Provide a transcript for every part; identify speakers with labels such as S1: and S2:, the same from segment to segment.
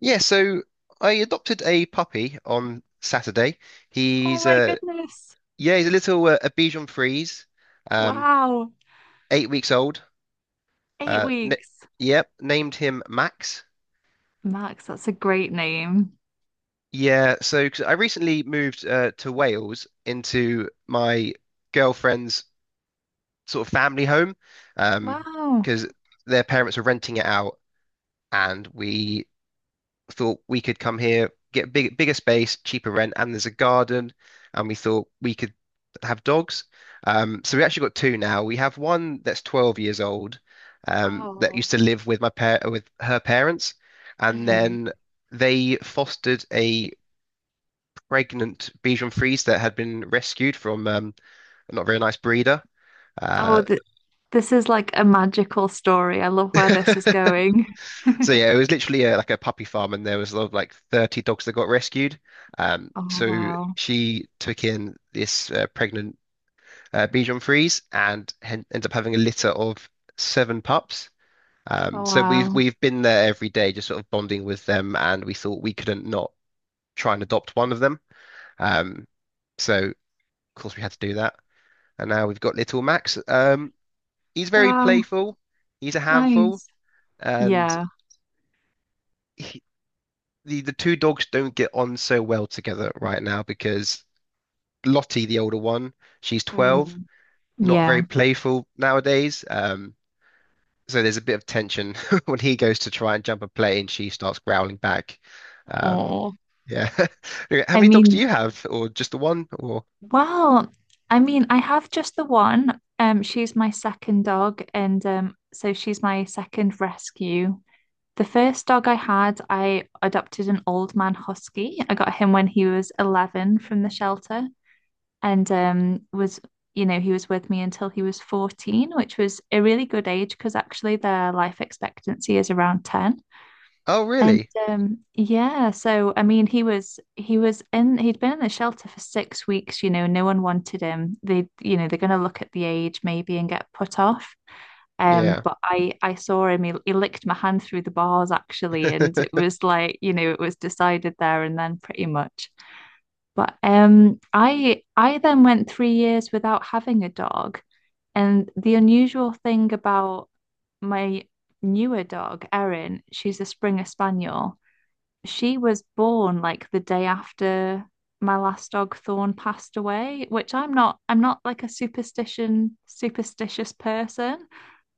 S1: Yeah, so I adopted a puppy on Saturday.
S2: Oh
S1: He's
S2: my
S1: uh
S2: goodness.
S1: yeah, he's a little a Bichon Frise, um,
S2: Wow.
S1: 8 weeks old.
S2: Eight
S1: N
S2: weeks.
S1: Yep, named him Max.
S2: Max, that's a great name.
S1: Yeah, so 'cause I recently moved to Wales into my girlfriend's sort of family home, um,
S2: Wow.
S1: because their parents were renting it out, and we thought we could come here, get bigger space, cheaper rent, and there's a garden, and we thought we could have dogs. So we actually got two now. We have one that's 12 years old, that
S2: Oh.
S1: used to live with my par with her parents, and
S2: Mhm.
S1: then they fostered a pregnant Bichon Frise that had been rescued from a not very nice breeder.
S2: Oh,
S1: Uh,
S2: th this is like a magical story. I love where this is going.
S1: So yeah, it was literally like a puppy farm, and there was a lot of like 30 dogs that got rescued. Um,
S2: Oh,
S1: so
S2: wow.
S1: she took in this pregnant Bichon Frise and hen ended up having a litter of seven pups. Um,
S2: Oh,
S1: so we've
S2: wow.
S1: we've been there every day, just sort of bonding with them, and we thought we couldn't not try and adopt one of them. Um, so of course we had to do that, and now we've got little Max. He's very
S2: Wow.
S1: playful. He's a handful,
S2: Nice.
S1: and.
S2: Yeah.
S1: The two dogs don't get on so well together right now because Lottie, the older one, she's 12,
S2: Mm.
S1: not very
S2: Yeah.
S1: playful nowadays. So there's a bit of tension when he goes to try and jump a play, and she starts growling back. Um,
S2: Oh.
S1: yeah. How
S2: I
S1: many dogs do
S2: mean,
S1: you have, or just the one? Or
S2: well, I mean, I have just the one. She's my second dog, and so she's my second rescue. The first dog I had, I adopted an old man husky. I got him when he was 11 from the shelter, and he was with me until he was 14, which was a really good age because actually their life expectancy is around 10.
S1: oh,
S2: And
S1: really?
S2: yeah, so I mean, he'd been in the shelter for 6 weeks. No one wanted him. They, they're going to look at the age maybe and get put off. Um,
S1: Yeah.
S2: but I I saw him. He licked my hand through the bars actually, and it was like you know it was decided there and then pretty much. But I then went 3 years without having a dog, and the unusual thing about my newer dog Erin, she's a Springer Spaniel. She was born like the day after my last dog Thorn passed away, which I'm not like a superstition superstitious person,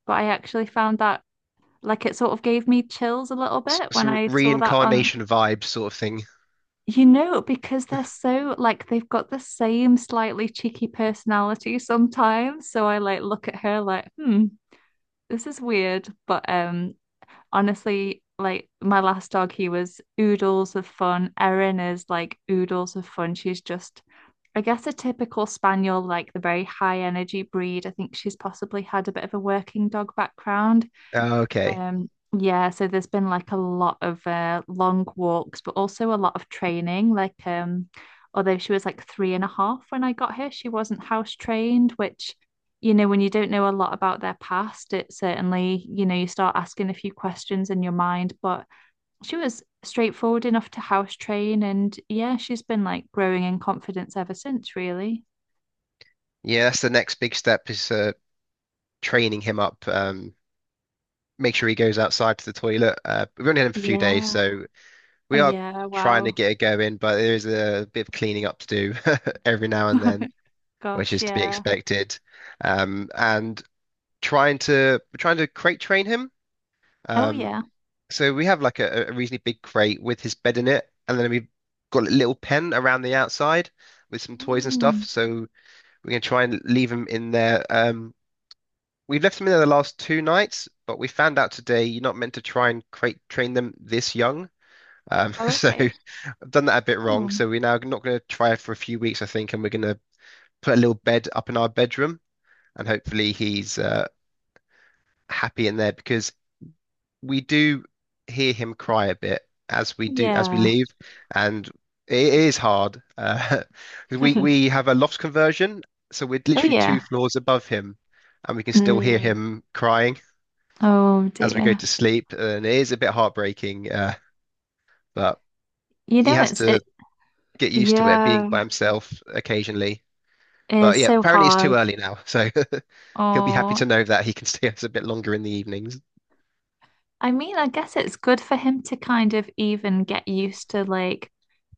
S2: but I actually found that like it sort of gave me chills a little
S1: S-
S2: bit when
S1: Some
S2: I saw that
S1: reincarnation vibe sort of thing.
S2: because they're so like they've got the same slightly cheeky personality sometimes. So I like look at her like, hmm, this is weird. But honestly, like my last dog, he was oodles of fun. Erin is like oodles of fun. She's just I guess a typical spaniel, like the very high energy breed. I think she's possibly had a bit of a working dog background.
S1: Oh, okay.
S2: Um, yeah, so there's been like a lot of long walks, but also a lot of training. Like, although she was like 3.5 when I got her, she wasn't house trained, which, when you don't know a lot about their past, it certainly, you start asking a few questions in your mind. But she was straightforward enough to house train, and yeah, she's been like growing in confidence ever since, really.
S1: Yeah, that's the next big step is training him up. Make sure he goes outside to the toilet. We've only had him for a few days,
S2: Yeah.
S1: so
S2: Oh,
S1: we are
S2: yeah.
S1: trying to
S2: Wow.
S1: get it going, but there is a bit of cleaning up to do every now and then, which
S2: Gosh,
S1: is to be
S2: yeah.
S1: expected. And trying to we're trying to crate train him.
S2: Oh,
S1: Um,
S2: yeah.
S1: so we have like a reasonably big crate with his bed in it, and then we've got a little pen around the outside with some toys and stuff.
S2: Mm.
S1: So we're gonna try and leave him in there. We've left them in there the last two nights, but we found out today you're not meant to try and crate train them this young.
S2: Oh,
S1: So
S2: okay.
S1: I've done that a bit wrong.
S2: Oh,
S1: So we're now not going to try it for a few weeks, I think, and we're going to put a little bed up in our bedroom, and hopefully he's happy in there because we do hear him cry a bit as we
S2: yeah.
S1: leave, and it is hard. 'Cause we have a loft conversion, so we're
S2: Oh,
S1: literally
S2: yeah.
S1: two floors above him, and we can still hear
S2: Mm.
S1: him crying
S2: Oh,
S1: as we go
S2: dear.
S1: to sleep, and it is a bit heartbreaking. But
S2: You
S1: he
S2: know,
S1: has
S2: it's
S1: to
S2: it.
S1: get used to it being
S2: Yeah,
S1: by himself occasionally. But
S2: it's
S1: yeah,
S2: so
S1: apparently it's too
S2: hard.
S1: early now, so he'll be happy to
S2: Oh,
S1: know that he can stay us a bit longer in the evenings.
S2: I mean, I guess it's good for him to kind of even get used to like,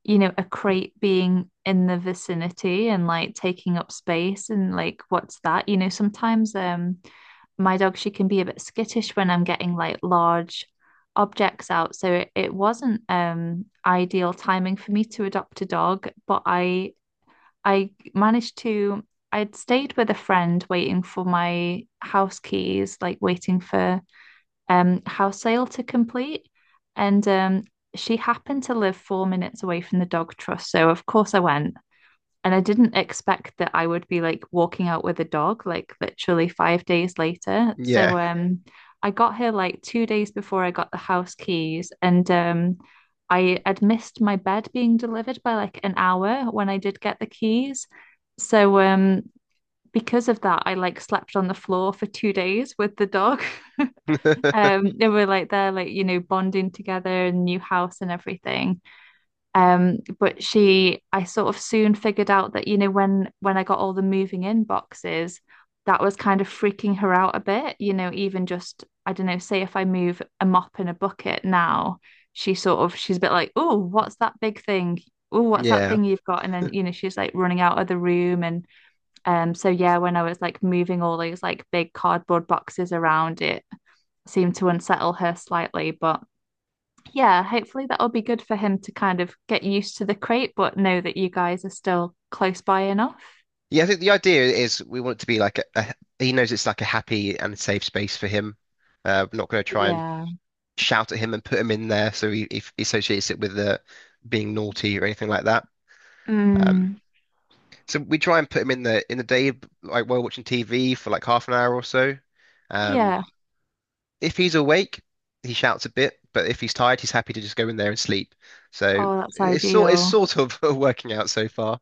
S2: a crate being in the vicinity and like taking up space and like, what's that? You know, sometimes. My dog, she can be a bit skittish when I'm getting like large objects out. So it wasn't ideal timing for me to adopt a dog, but I managed to I'd stayed with a friend waiting for my house keys, like waiting for house sale to complete. And she happened to live 4 minutes away from the dog trust. So of course I went. And I didn't expect that I would be like walking out with a dog like literally 5 days later.
S1: Yeah,
S2: So I got here like 2 days before I got the house keys, and I had missed my bed being delivered by like an hour when I did get the keys. So because of that I like slept on the floor for 2 days with the dog. They were like there, like bonding together, new house and everything. But I sort of soon figured out that, you know, when I got all the moving in boxes, that was kind of freaking her out a bit. You know, even just, I don't know, say if I move a mop and a bucket now, she's a bit like, oh, what's that big thing? Oh, what's that
S1: yeah,
S2: thing you've got? And then, you know, she's like running out of the room. And so yeah, when I was like moving all those like big cardboard boxes around, it seemed to unsettle her slightly, but yeah, hopefully that will be good for him to kind of get used to the crate, but know that you guys are still close by enough.
S1: yeah. I think the idea is we want it to be like a he knows it's like a happy and safe space for him. We're not going to try and
S2: Yeah.
S1: shout at him and put him in there, so he associates it with being naughty or anything like that. Um,
S2: Mm,
S1: So we try and put him in the day, like while watching TV for like half an hour or so. Um,
S2: yeah.
S1: if he's awake, he shouts a bit, but if he's tired, he's happy to just go in there and sleep. So
S2: Oh, that's
S1: it's
S2: ideal.
S1: sort of working out so far.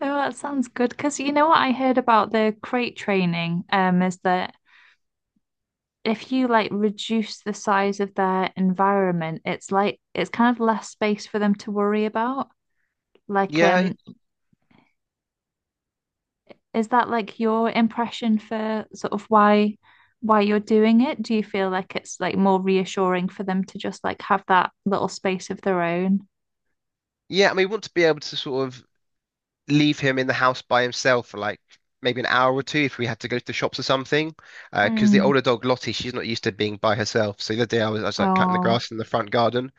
S2: Oh, that sounds good. Because you know what I heard about the crate training, is that if you like reduce the size of their environment, it's like it's kind of less space for them to worry about. Like,
S1: Yeah,
S2: is that like your impression for sort of why you're doing it? Do you feel like it's like more reassuring for them to just like have that little space of their own?
S1: yeah. I mean, we want to be able to sort of leave him in the house by himself for like maybe an hour or two if we had to go to the shops or something. Because the
S2: Mm.
S1: older dog Lottie, she's not used to being by herself. So the other day I was like cutting the
S2: Oh.
S1: grass in the front garden.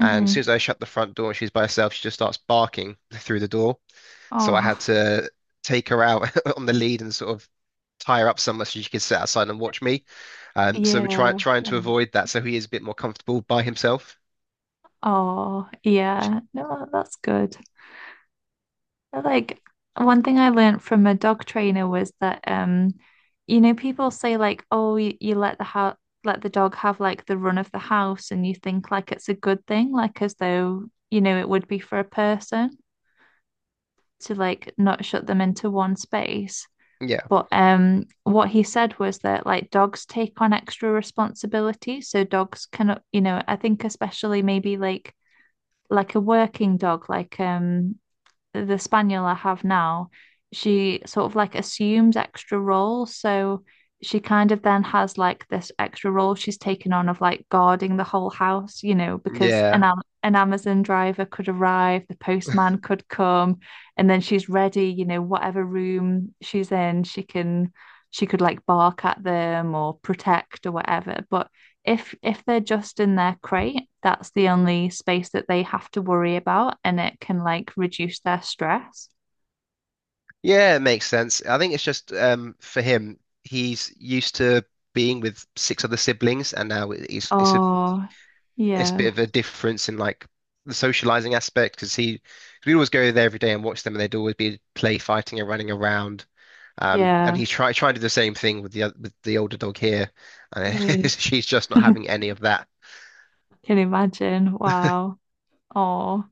S1: And as soon as I shut the front door and she's by herself, she just starts barking through the door. So I
S2: Oh.
S1: had to take her out on the lead and sort of tie her up somewhere so she could sit outside and watch me. So
S2: Yeah.
S1: trying to avoid that so he is a bit more comfortable by himself.
S2: Oh,
S1: Which-
S2: yeah. No, that's good. Like one thing I learned from a dog trainer was that people say like, oh, you let the ho let the dog have like the run of the house, and you think like it's a good thing, like as though, it would be for a person to like not shut them into one space.
S1: yeah,
S2: But what he said was that like dogs take on extra responsibility, so dogs cannot you know, I think especially maybe like a working dog, like the spaniel I have now, she sort of like assumes extra roles. So she kind of then has like this extra role she's taken on of like guarding the whole house, you know, because an
S1: yeah,
S2: Am an Amazon driver could arrive, the postman could come, and then she's ready, you know, whatever room she's in, she could like bark at them or protect or whatever. But if they're just in their crate, that's the only space that they have to worry about, and it can like reduce their stress.
S1: yeah, it makes sense. I think it's just for him, he's used to being with six other siblings, and now he's
S2: Oh,
S1: it's a bit
S2: yeah,
S1: of a difference in like the socializing aspect because he we always go there every day and watch them and they'd always be play fighting and running around. And
S2: yeah.
S1: he tried trying to do the same thing with with the older dog here, and
S2: Mm.
S1: she's just not having any of that.
S2: Can imagine. Wow. Oh,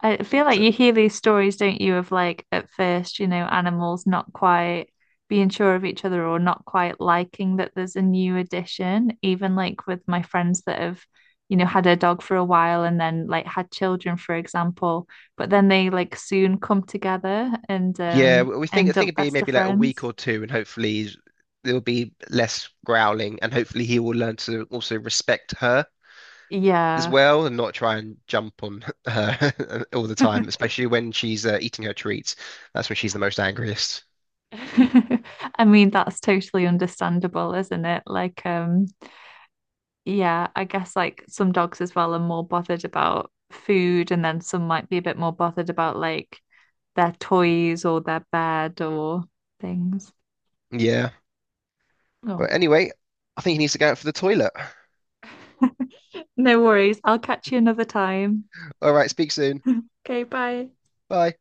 S2: I feel like
S1: So,
S2: you hear these stories, don't you, of like at first, animals not quite being sure of each other or not quite liking that there's a new addition. Even like with my friends that have, had a dog for a while and then like had children, for example, but then they like soon come together and
S1: yeah, we think I
S2: end
S1: think
S2: up
S1: it'd be
S2: best of
S1: maybe like a week
S2: friends.
S1: or two, and there'll be less growling, and hopefully he will learn to also respect her as
S2: Yeah.
S1: well, and not try and jump on her all the time, especially when she's eating her treats. That's when she's the most angriest.
S2: I mean, that's totally understandable, isn't it? Like, yeah, I guess like some dogs as well are more bothered about food, and then some might be a bit more bothered about like their toys or their bed or things.
S1: Yeah. But
S2: Oh,
S1: anyway, I think he needs to go out for the toilet.
S2: no worries. I'll catch you another time.
S1: All right, speak soon.
S2: Okay, bye.
S1: Bye.